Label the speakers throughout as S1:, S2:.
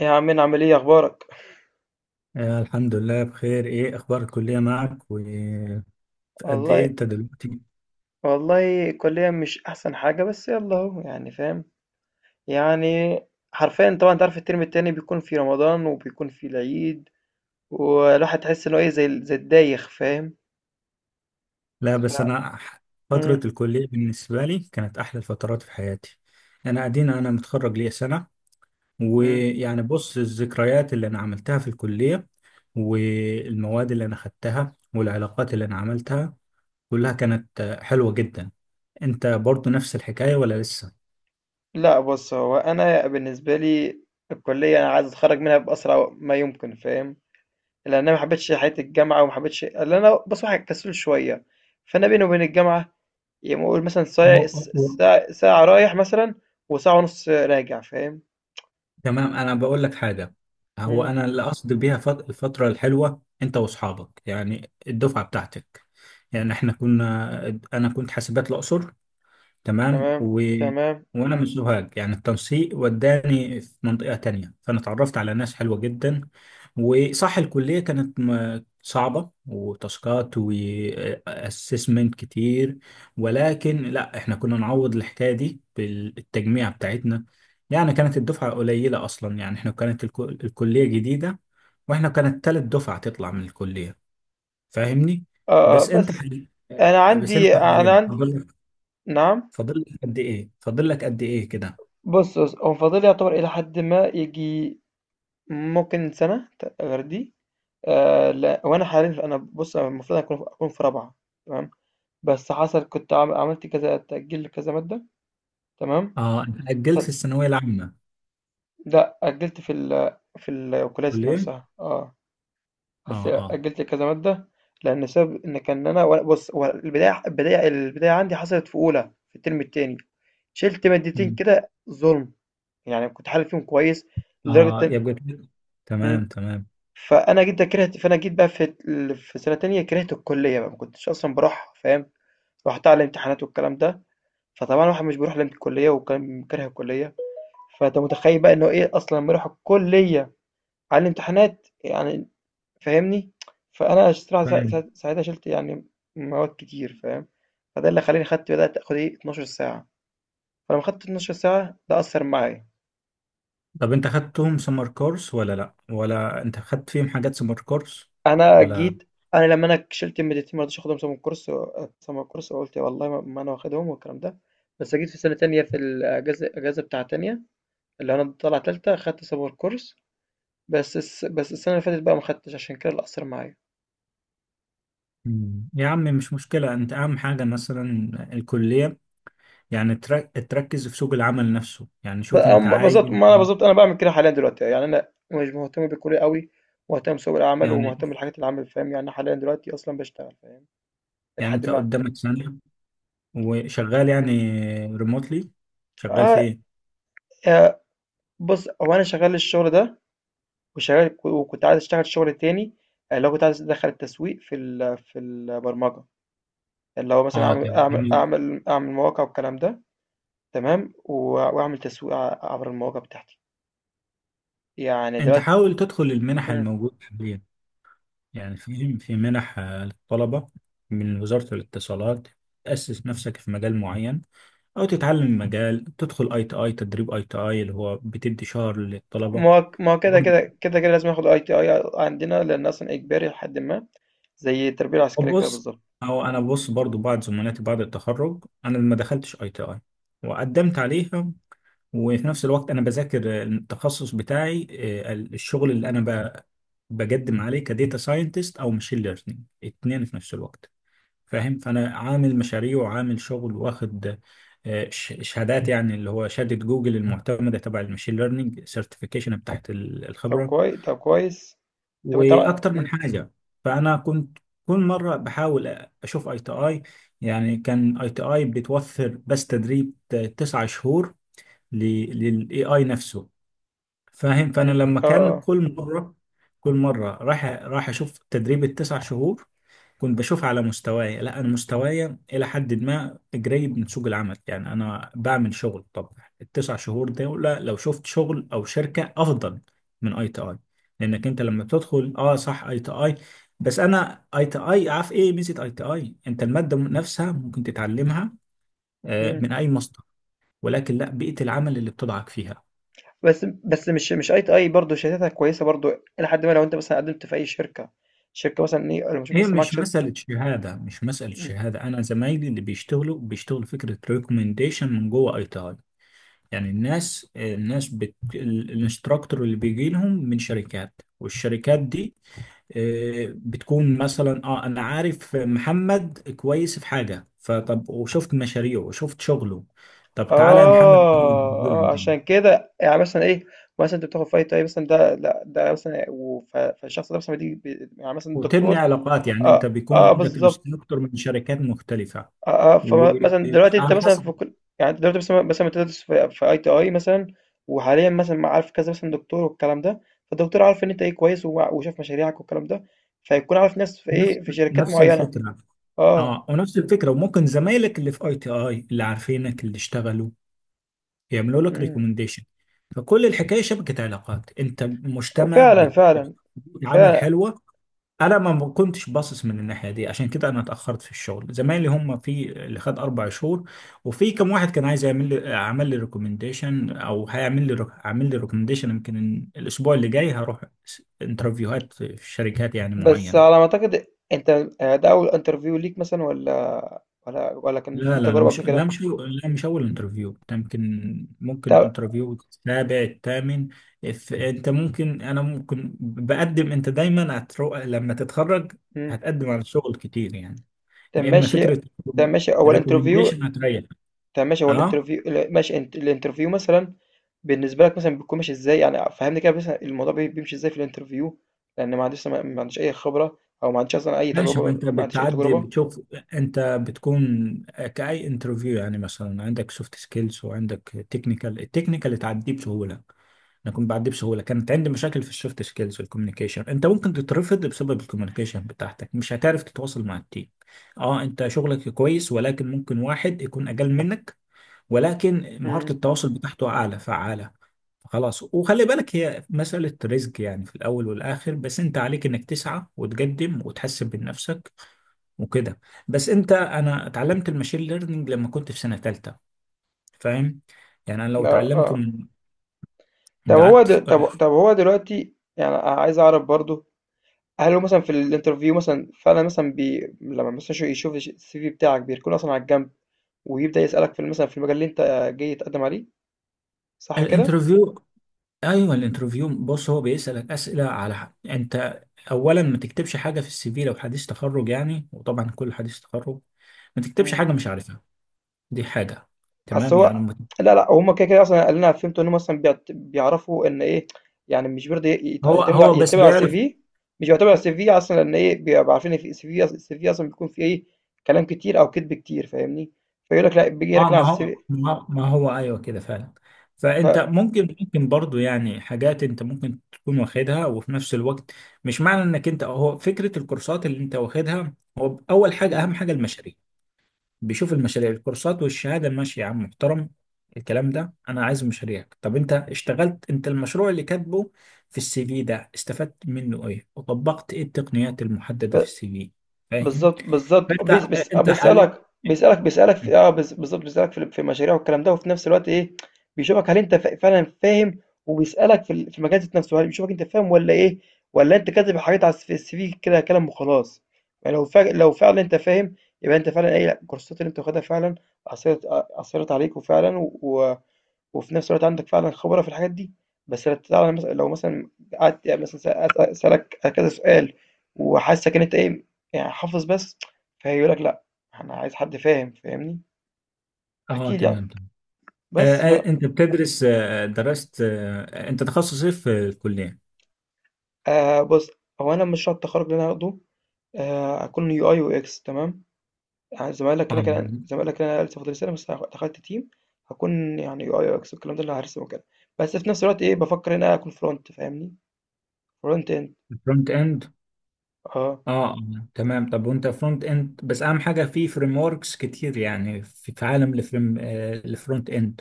S1: إيه يا عم، عامل ايه اخبارك؟
S2: آه، الحمد لله بخير. ايه اخبار الكليه معك وقد؟ ايه
S1: والله.
S2: انت دلوقتي؟
S1: والله كليا مش احسن حاجه بس يلا اهو، يعني فاهم يعني. حرفيا طبعا انت عارف الترم التاني بيكون في رمضان وبيكون في العيد، والواحد تحس انه ايه زي الدايخ فاهم.
S2: لا بس
S1: ف...
S2: انا فتره
S1: مم.
S2: الكليه بالنسبه لي كانت احلى الفترات في حياتي. انا ادينا انا متخرج ليا سنه.
S1: مم.
S2: ويعني بص، الذكريات اللي انا عملتها في الكليه والمواد اللي انا خدتها والعلاقات اللي انا عملتها كلها كانت حلوة جدا. انت برضو نفس الحكاية ولا لسه؟
S1: لا بص، هو انا بالنسبه لي الكليه، انا عايز اتخرج منها باسرع ما يمكن فاهم، لان انا ما حبيتش حياه الجامعه وما حبيتش، لان انا بص واحد كسول شويه، فانا بيني وبين الجامعه، يعني قول مثلًا ساع س ساع ساعة رايح مثلًا، وساعة ونُص راجع، فاهم؟
S2: تمام، انا بقول لك حاجه. هو
S1: إمم،
S2: انا اللي اقصد بيها الفتره الحلوه انت واصحابك، يعني الدفعه بتاعتك. يعني احنا كنا، انا كنت حاسبات الاقصر. تمام
S1: تمام،
S2: و...
S1: تمام،
S2: وانا من سوهاج، يعني التنسيق وداني في منطقة تانية، فانا اتعرفت على ناس حلوة جدا. وصح الكلية كانت صعبة وتاسكات واسسمنت كتير،
S1: إمم.
S2: ولكن لا احنا كنا نعوض الحكاية دي بالتجميع بتاعتنا. يعني كانت الدفعة قليلة اصلا، يعني احنا كانت الكلية جديدة، واحنا كانت تالت دفعة تطلع من الكلية، فاهمني؟
S1: آه، آه،
S2: بس انت
S1: بس
S2: حل... بس انت
S1: أنا
S2: حللت،
S1: عندي. نعم؟
S2: فاضل لك قد ايه؟ فاضل لك قد ايه كده؟
S1: بُص، هو فاضل لي يعتبر إلى حدٍ ما ييجي ممكن سَنة ت غير دي، لأ، هو أنا حاليًا أنا بُص، أنا المفروض أكون في رابعة. تمام، بس حصل كنت عملت كذا تأجيل لكذا مادة. تمام،
S2: اه، انت
S1: ف
S2: اجلت في الثانويه العامه؟
S1: لأ أجّلت في الكلية ذات
S2: كليه.
S1: نفسها، آه.
S2: اه،
S1: قلت
S2: اه.
S1: أجلت كذا مادة، لأن السبب إن كان بُص، هو البداية عندي حصلت في أولى في الترم التاني، شِلت مادتين
S2: مم.
S1: كده ظلم، يعني كنت حالل فيهم كويس لدرجة
S2: اه،
S1: إن،
S2: يبقى كده.
S1: إمم،
S2: تمام، تمام.
S1: فأنا جيت بقى في سنة تانية كرهت الكلية بقى، ما كنتش أصلًا باروحها فاهم. رُحتها على الامتحانات والكلام ده، فطبعًا الواحد مش بيروح للكلية وكان كاره الكلية، فأنت متخيل بقى إن هو إيه أصلًا لمّا يروح الكلية على الامتحانات، يعني فاهمني؟ فأنا الصراحة سا
S2: تمام،
S1: سا ساعتها شِلت يعني مواد كتير فاهم؟ فده اللي خلّاني بدأت آخُد إيه، 12 ساعة، فلمّا خدت 12 ساعة ده أثّر معايا.
S2: طب انت خدتهم سمر كورس ولا لا، ولا انت خدت فيهم حاجات سمر كورس
S1: أنا
S2: ولا؟
S1: جيت أنا لمّا أنا ك شِلت المادتين ما رضيتش آخُدهم سَمَا الكورس، سَمَا الكورس، وقُلت والله ما أنا واخدهم والكلام ده، بس جيت في سَنة تانية في الأجازة بتاع تانية اللي أنا طالع تالتة خدت سَمَا الكورس، بس السَنة اللي فاتت بقى ما خدتش عشان كده اللي أثّر معايا.
S2: مم. يا عم مش مشكله، انت اهم حاجه مثلا الكليه، يعني تركز في سوق العمل نفسه. يعني شوف انت عايز
S1: بالظبط، ما انا بالظبط انا بعمل كده حاليا دلوقتي، يعني انا مش مهتم بالكليه قوي، مهتم بسوق العمل
S2: يعني،
S1: ومهتم بالحاجات اللي عامل فاهم، يعني أنا حاليا دلوقتي اصلا بشتغل فاهم
S2: يعني
S1: لحد
S2: انت
S1: ما.
S2: قدامك سنه وشغال، يعني
S1: مم.
S2: ريموتلي. شغال
S1: اه
S2: فين؟
S1: آه، بص هو انا شغال الشغل ده وشغال، وكنت عايز اشتغل شغل تاني، آه، اللي هو كنت عايز ادخل التسويق في البرمجه، اللي هو مثلا
S2: اه، تمام.
S1: اعمل مواقع والكلام ده، تمام، واعمل تسويق عبر المواقع بتاعتي، يعني
S2: انت
S1: دلوقتي.
S2: حاول تدخل المنح الموجودة حاليا، يعني في منح للطلبة من وزارة الاتصالات. تأسس نفسك في مجال معين، أو تتعلم مجال، تدخل اي تي اي، تدريب اي تي اي اللي هو بتدي شهر للطلبة.
S1: ما هو ما هو
S2: برضه
S1: كده لازم اخد اي تي اي عندنا لان اصلا اجباري لحد ما، زي التربيه العسكريه كده
S2: بص،
S1: بالظبط.
S2: أو أنا بص برضو بعض زملاتي بعد التخرج، أنا ما دخلتش اي تي اي، وقدمت عليها، وفي نفس الوقت أنا بذاكر التخصص بتاعي. الشغل اللي أنا بقدم عليه كديتا ساينتست أو ماشين ليرنينج، اتنين في نفس الوقت، فاهم؟ فانا عامل مشاريع وعامل شغل واخد شهادات، يعني اللي هو شهاده جوجل المعتمده تبع المشين ليرنينج سيرتيفيكيشن بتاعت الخبره
S1: طب كويس.
S2: واكتر من
S1: مم.
S2: حاجه. فانا كنت كل مره بحاول اشوف اي تي اي. يعني كان اي تي اي بتوفر بس تدريب تسعة شهور للاي اي نفسه، فاهم؟ فانا
S1: مم.
S2: لما
S1: اه
S2: كان
S1: اه.
S2: كل مره، راح اشوف تدريب التسع شهور، كنت بشوفها على مستواي. لا انا مستواي الى حد ما قريب من سوق العمل، يعني انا بعمل شغل. طب التسع شهور دول لو شفت شغل او شركه افضل من اي تي اي، لانك انت لما بتدخل اه صح اي تي اي، بس انا اي تي اي عارف ايه ميزه اي تي اي؟ انت الماده نفسها ممكن تتعلمها
S1: مم.
S2: من اي مصدر، ولكن لا بيئه العمل اللي بتضعك فيها.
S1: بس بس مش مش اي تي اي برضه شهادتها كويسه برضه لحد ما، لو انت مثلا قدمت في اي شركه، شركه مثلا ايه لما تشوف
S2: هي
S1: مثلا معاك
S2: مش
S1: شهاده.
S2: مسألة شهادة،
S1: مم.
S2: أنا زمايلي اللي بيشتغلوا بيشتغلوا فكرة ريكومنديشن من جوه أي تي آي. يعني الناس الانستراكتور اللي بيجي لهم من شركات، والشركات دي بتكون مثلا اه انا عارف محمد كويس في حاجة، فطب وشفت مشاريعه وشفت شغله، طب تعالى يا محمد
S1: اه اه،
S2: عندنا.
S1: عشان كده يعني مثلا ايه، مثلا انت بتاخد في اي تي اي مثلا ده، لا ده مثلا فالشخص ده مثلا يعني مثلا
S2: وتبني
S1: الدكتور.
S2: علاقات، يعني انت
S1: اه
S2: بيكون
S1: اه
S2: عندك
S1: بالظبط.
S2: انستراكتور من شركات مختلفة،
S1: آه، آه، فمثلا دلوقتي أنت
S2: وعلى
S1: مثلا
S2: حسب.
S1: في كل، يعني أنت دلوقتي مثلا بتدرس في أي تي أي مثلا، وحاليا مثلا عارف كذا مثلا دكتور والكلام ده، فالدكتور عارف إن أنت إيه كويس وشاف مشاريعك والكلام ده، فيكون عارف ناس في
S2: نفس
S1: إيه، في شركات
S2: نفس
S1: معينة.
S2: الفكرة.
S1: أه.
S2: اه ونفس الفكرة. وممكن زمايلك اللي في اي تي اي اللي عارفينك اللي اشتغلوا يعملوا لك
S1: امم.
S2: ريكومنديشن. فكل الحكايه شبكه علاقات، انت مجتمع
S1: وفعلا
S2: بتديك
S1: فعلا
S2: عمل
S1: فعلا.
S2: حلوه. انا ما كنتش باصص من الناحيه دي، عشان كده انا اتاخرت في الشغل، زمايلي هم في اللي خد اربع شهور. وفي كم واحد كان عايز يعمل لي، عمل لي ريكومنديشن، او هيعمل لي عامل لي ريكومنديشن. يمكن الاسبوع اللي جاي هروح انترفيوهات في شركات يعني
S1: بس
S2: معينه.
S1: على ما أعتقد أنت، آه، ده أول انترفيو ليك مثلا ولا كان في
S2: لا لا لا
S1: تجربة
S2: مش
S1: قبل
S2: لا
S1: كده؟
S2: مش لا مش اول انترفيو، يمكن ممكن
S1: طب.
S2: الانترفيو السابع الثامن. انت ممكن، انا ممكن بقدم، انت دايما هترو... لما تتخرج
S1: مم.
S2: هتقدم على شغل كتير يعني،
S1: طب
S2: يا اما
S1: ماشي
S2: فكره
S1: طب ماشي أول انترفيو.
S2: ريكومنديشن هتريح.
S1: طب ماشي، هو
S2: اه
S1: ماشي، انت الانترفيو مثلا بالنسبة لك مثلا بيكون ماشي ازاي، يعني فهمني كده مثلا الموضوع بيمشي ازاي في الانترفيو، لأن ما عنديش ما ما عنديش أي خبرة، أو ما عنديش أصلا أي
S2: ماشي، ما
S1: تجربة،
S2: انت
S1: ما عنديش أي
S2: بتعدي
S1: تجربة.
S2: بتشوف. انت بتكون كأي انترفيو، يعني مثلا عندك سوفت سكيلز وعندك تكنيكال. التكنيكال تعديه بسهوله، انا كنت بعدي بسهوله. كانت عندي مشاكل في السوفت سكيلز والكوميونيكيشن. انت ممكن تترفض بسبب الكوميونيكيشن بتاعتك، مش هتعرف تتواصل مع التيم. اه انت شغلك كويس، ولكن ممكن واحد يكون اقل منك ولكن مهاره
S1: امم.
S2: التواصل بتاعته اعلى فعاله. خلاص، وخلي بالك هي مسألة رزق يعني، في الأول والآخر، بس أنت عليك إنك تسعى وتقدم وتحسن من نفسك وكده. بس أنت، أنا اتعلمت الماشين ليرنينج لما كنت في سنة تالتة، فاهم؟ يعني أنا لو
S1: لا
S2: اتعلمته
S1: اه.
S2: من، قعدت ف-.
S1: طب طب هو دلوقتي يعني عايز أعرف برضو، هل هو مثلا في الانترفيو مثلا فعلا مثلا لما مثلا يشوف السي في بتاعك بيكون أصلا على الجنب، ويبدأ يسألك في مثلا في المجال اللي أنت جاي تقدم عليه، صح كده؟
S2: الانترفيو، ايوه الانترفيو، بص هو بيسالك اسئله على حق. انت اولا ما تكتبش حاجه في السي في لو حديث تخرج يعني، وطبعا كل حديث تخرج ما تكتبش حاجه مش عارفها. دي حاجه.
S1: أصل
S2: تمام يعني
S1: هو
S2: ما-.
S1: لا، لأ، هُم كده، كده أصلًا اللي أنا فهمته إن هُم أصلًا بيعرفوا إن إيه، يعني مش برضه يت
S2: هو
S1: يعتمدوا ع
S2: هو بس
S1: يعتمدوا على
S2: بيعرف.
S1: الCV، مش بيعتمدوا على الCV أصلًا إن إيه، بيبقوا عارفين إن في CV، الCV أصلًا بيكون فيه إيه، كلام كتير أو كدب كتير فاهمني، فيقول لك لأ، بييجي
S2: اه،
S1: يركن
S2: ما
S1: على
S2: هو،
S1: الCV
S2: ايوه كده فعلا.
S1: ف
S2: فانت ممكن، ممكن برضو يعني حاجات انت ممكن تكون واخدها، وفي نفس الوقت مش معنى انك انت، هو فكره الكورسات اللي انت واخدها، هو اول حاجه اهم
S1: إمم.
S2: حاجه المشاريع. بيشوف المشاريع. الكورسات والشهاده ماشي يا عم، محترم الكلام ده، انا عايز مشاريعك. طب انت اشتغلت، انت المشروع اللي كاتبه في السي في ده استفدت منه ايه، وطبقت ايه التقنيات المحدده في
S1: ب
S2: السي في، فاهم؟
S1: بالضبط، بالضبط،
S2: فانت،
S1: بيس بيس آه،
S2: انت حالي.
S1: بيسألك في آه، بالضبط، بيسألك في المشاريع والكلام ده، وفي نفس الوقت إيه، بيشوفك هل أنت فعلًا فاهم، وبيسألك في المجال ذات نفسه، هل بيشوفك أنت فاهم والّا إيه، والّا أنت كاتب حاجات على الس في الCV كده كلام وخلاص، يعني لو فعلًا أنت فاهم، يبقى أنت فعلًا إيه، لا، الكورسات اللي أنت واخدها فعلًا أثرت أثرت عليك وفعلًا و، وفي نفس الوقت عندك فعلًا خبرة في الحاجات دي، بس لو تعرف مثلًا لو مثلًا قعدت يعني مثلًا س أس أسألك كذا سؤال، وحاسسك إن أنت إيه، يعني حافظ بس، فهيقول لك لأ، أنا عايز حد فاهم، فاهمني؟
S2: اه
S1: أكيد يعني،
S2: تمام تمام.
S1: بس ف
S2: انت بتدرس، آه درست، آه انت تخصص ايه في الكليه؟
S1: بُص، هو أنا مشروع التخرُّج اللي أنا هاخده هاكون UI وX تمام؟ يعني زمايلك كده،
S2: اه
S1: كده زمايلك كده، أنا لسه فاضل لي سنة بس دخلت team، هاكون يعني UI وX والكلام ده اللي هارسم وكده، بس في نفس الوقت إيه، بافكّر إن أنا أكون front فاهمني؟ front end،
S2: فرونت اند.
S1: آه،
S2: اه تمام. طب وانت فرونت اند بس، اهم حاجه في فريم وركس كتير، يعني في عالم الفريم، الفرونت اند.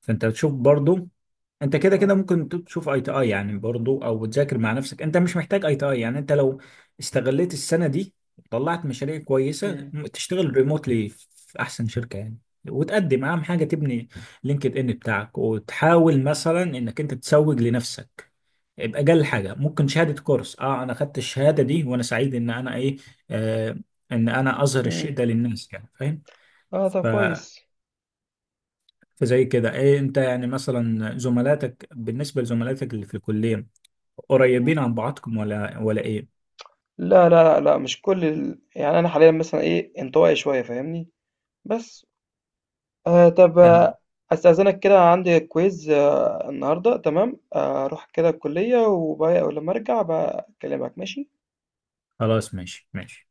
S2: فانت بتشوف برضو، انت كده كده
S1: تمام،
S2: ممكن تشوف اي تي اي يعني برضو، او تذاكر مع نفسك، انت مش محتاج اي تي اي يعني. انت لو استغليت السنه دي طلعت مشاريع كويسه،
S1: إمم،
S2: تشتغل ريموتلي في احسن شركه يعني. وتقدم، اهم حاجه تبني لينكد ان بتاعك، وتحاول مثلا انك انت تسوق لنفسك باجل حاجه. ممكن شهاده كورس، اه انا خدت الشهاده دي وانا سعيد ان انا ايه، آه، ان انا اظهر الشيء
S1: إمم.
S2: ده للناس يعني،
S1: آه، طب
S2: فاهم؟
S1: كويس.
S2: فزي كده ايه انت، يعني مثلا زملاتك، بالنسبة لزملاتك اللي في الكلية،
S1: إمم.
S2: قريبين عن بعضكم ولا ايه؟
S1: لا، لا، لأ، لأ، مش كل ال، يعني أنا حاليًا مثلًا إيه، انطوائي شوية فاهمني؟ بس. طب
S2: قال لي،
S1: آه، أستأذنك كده عندي quiz، آه، النهارده تمام، أروح كده الكلية ولمّا أرجع هابقى أكلمك ماشي؟
S2: خلاص ماشي ماشي.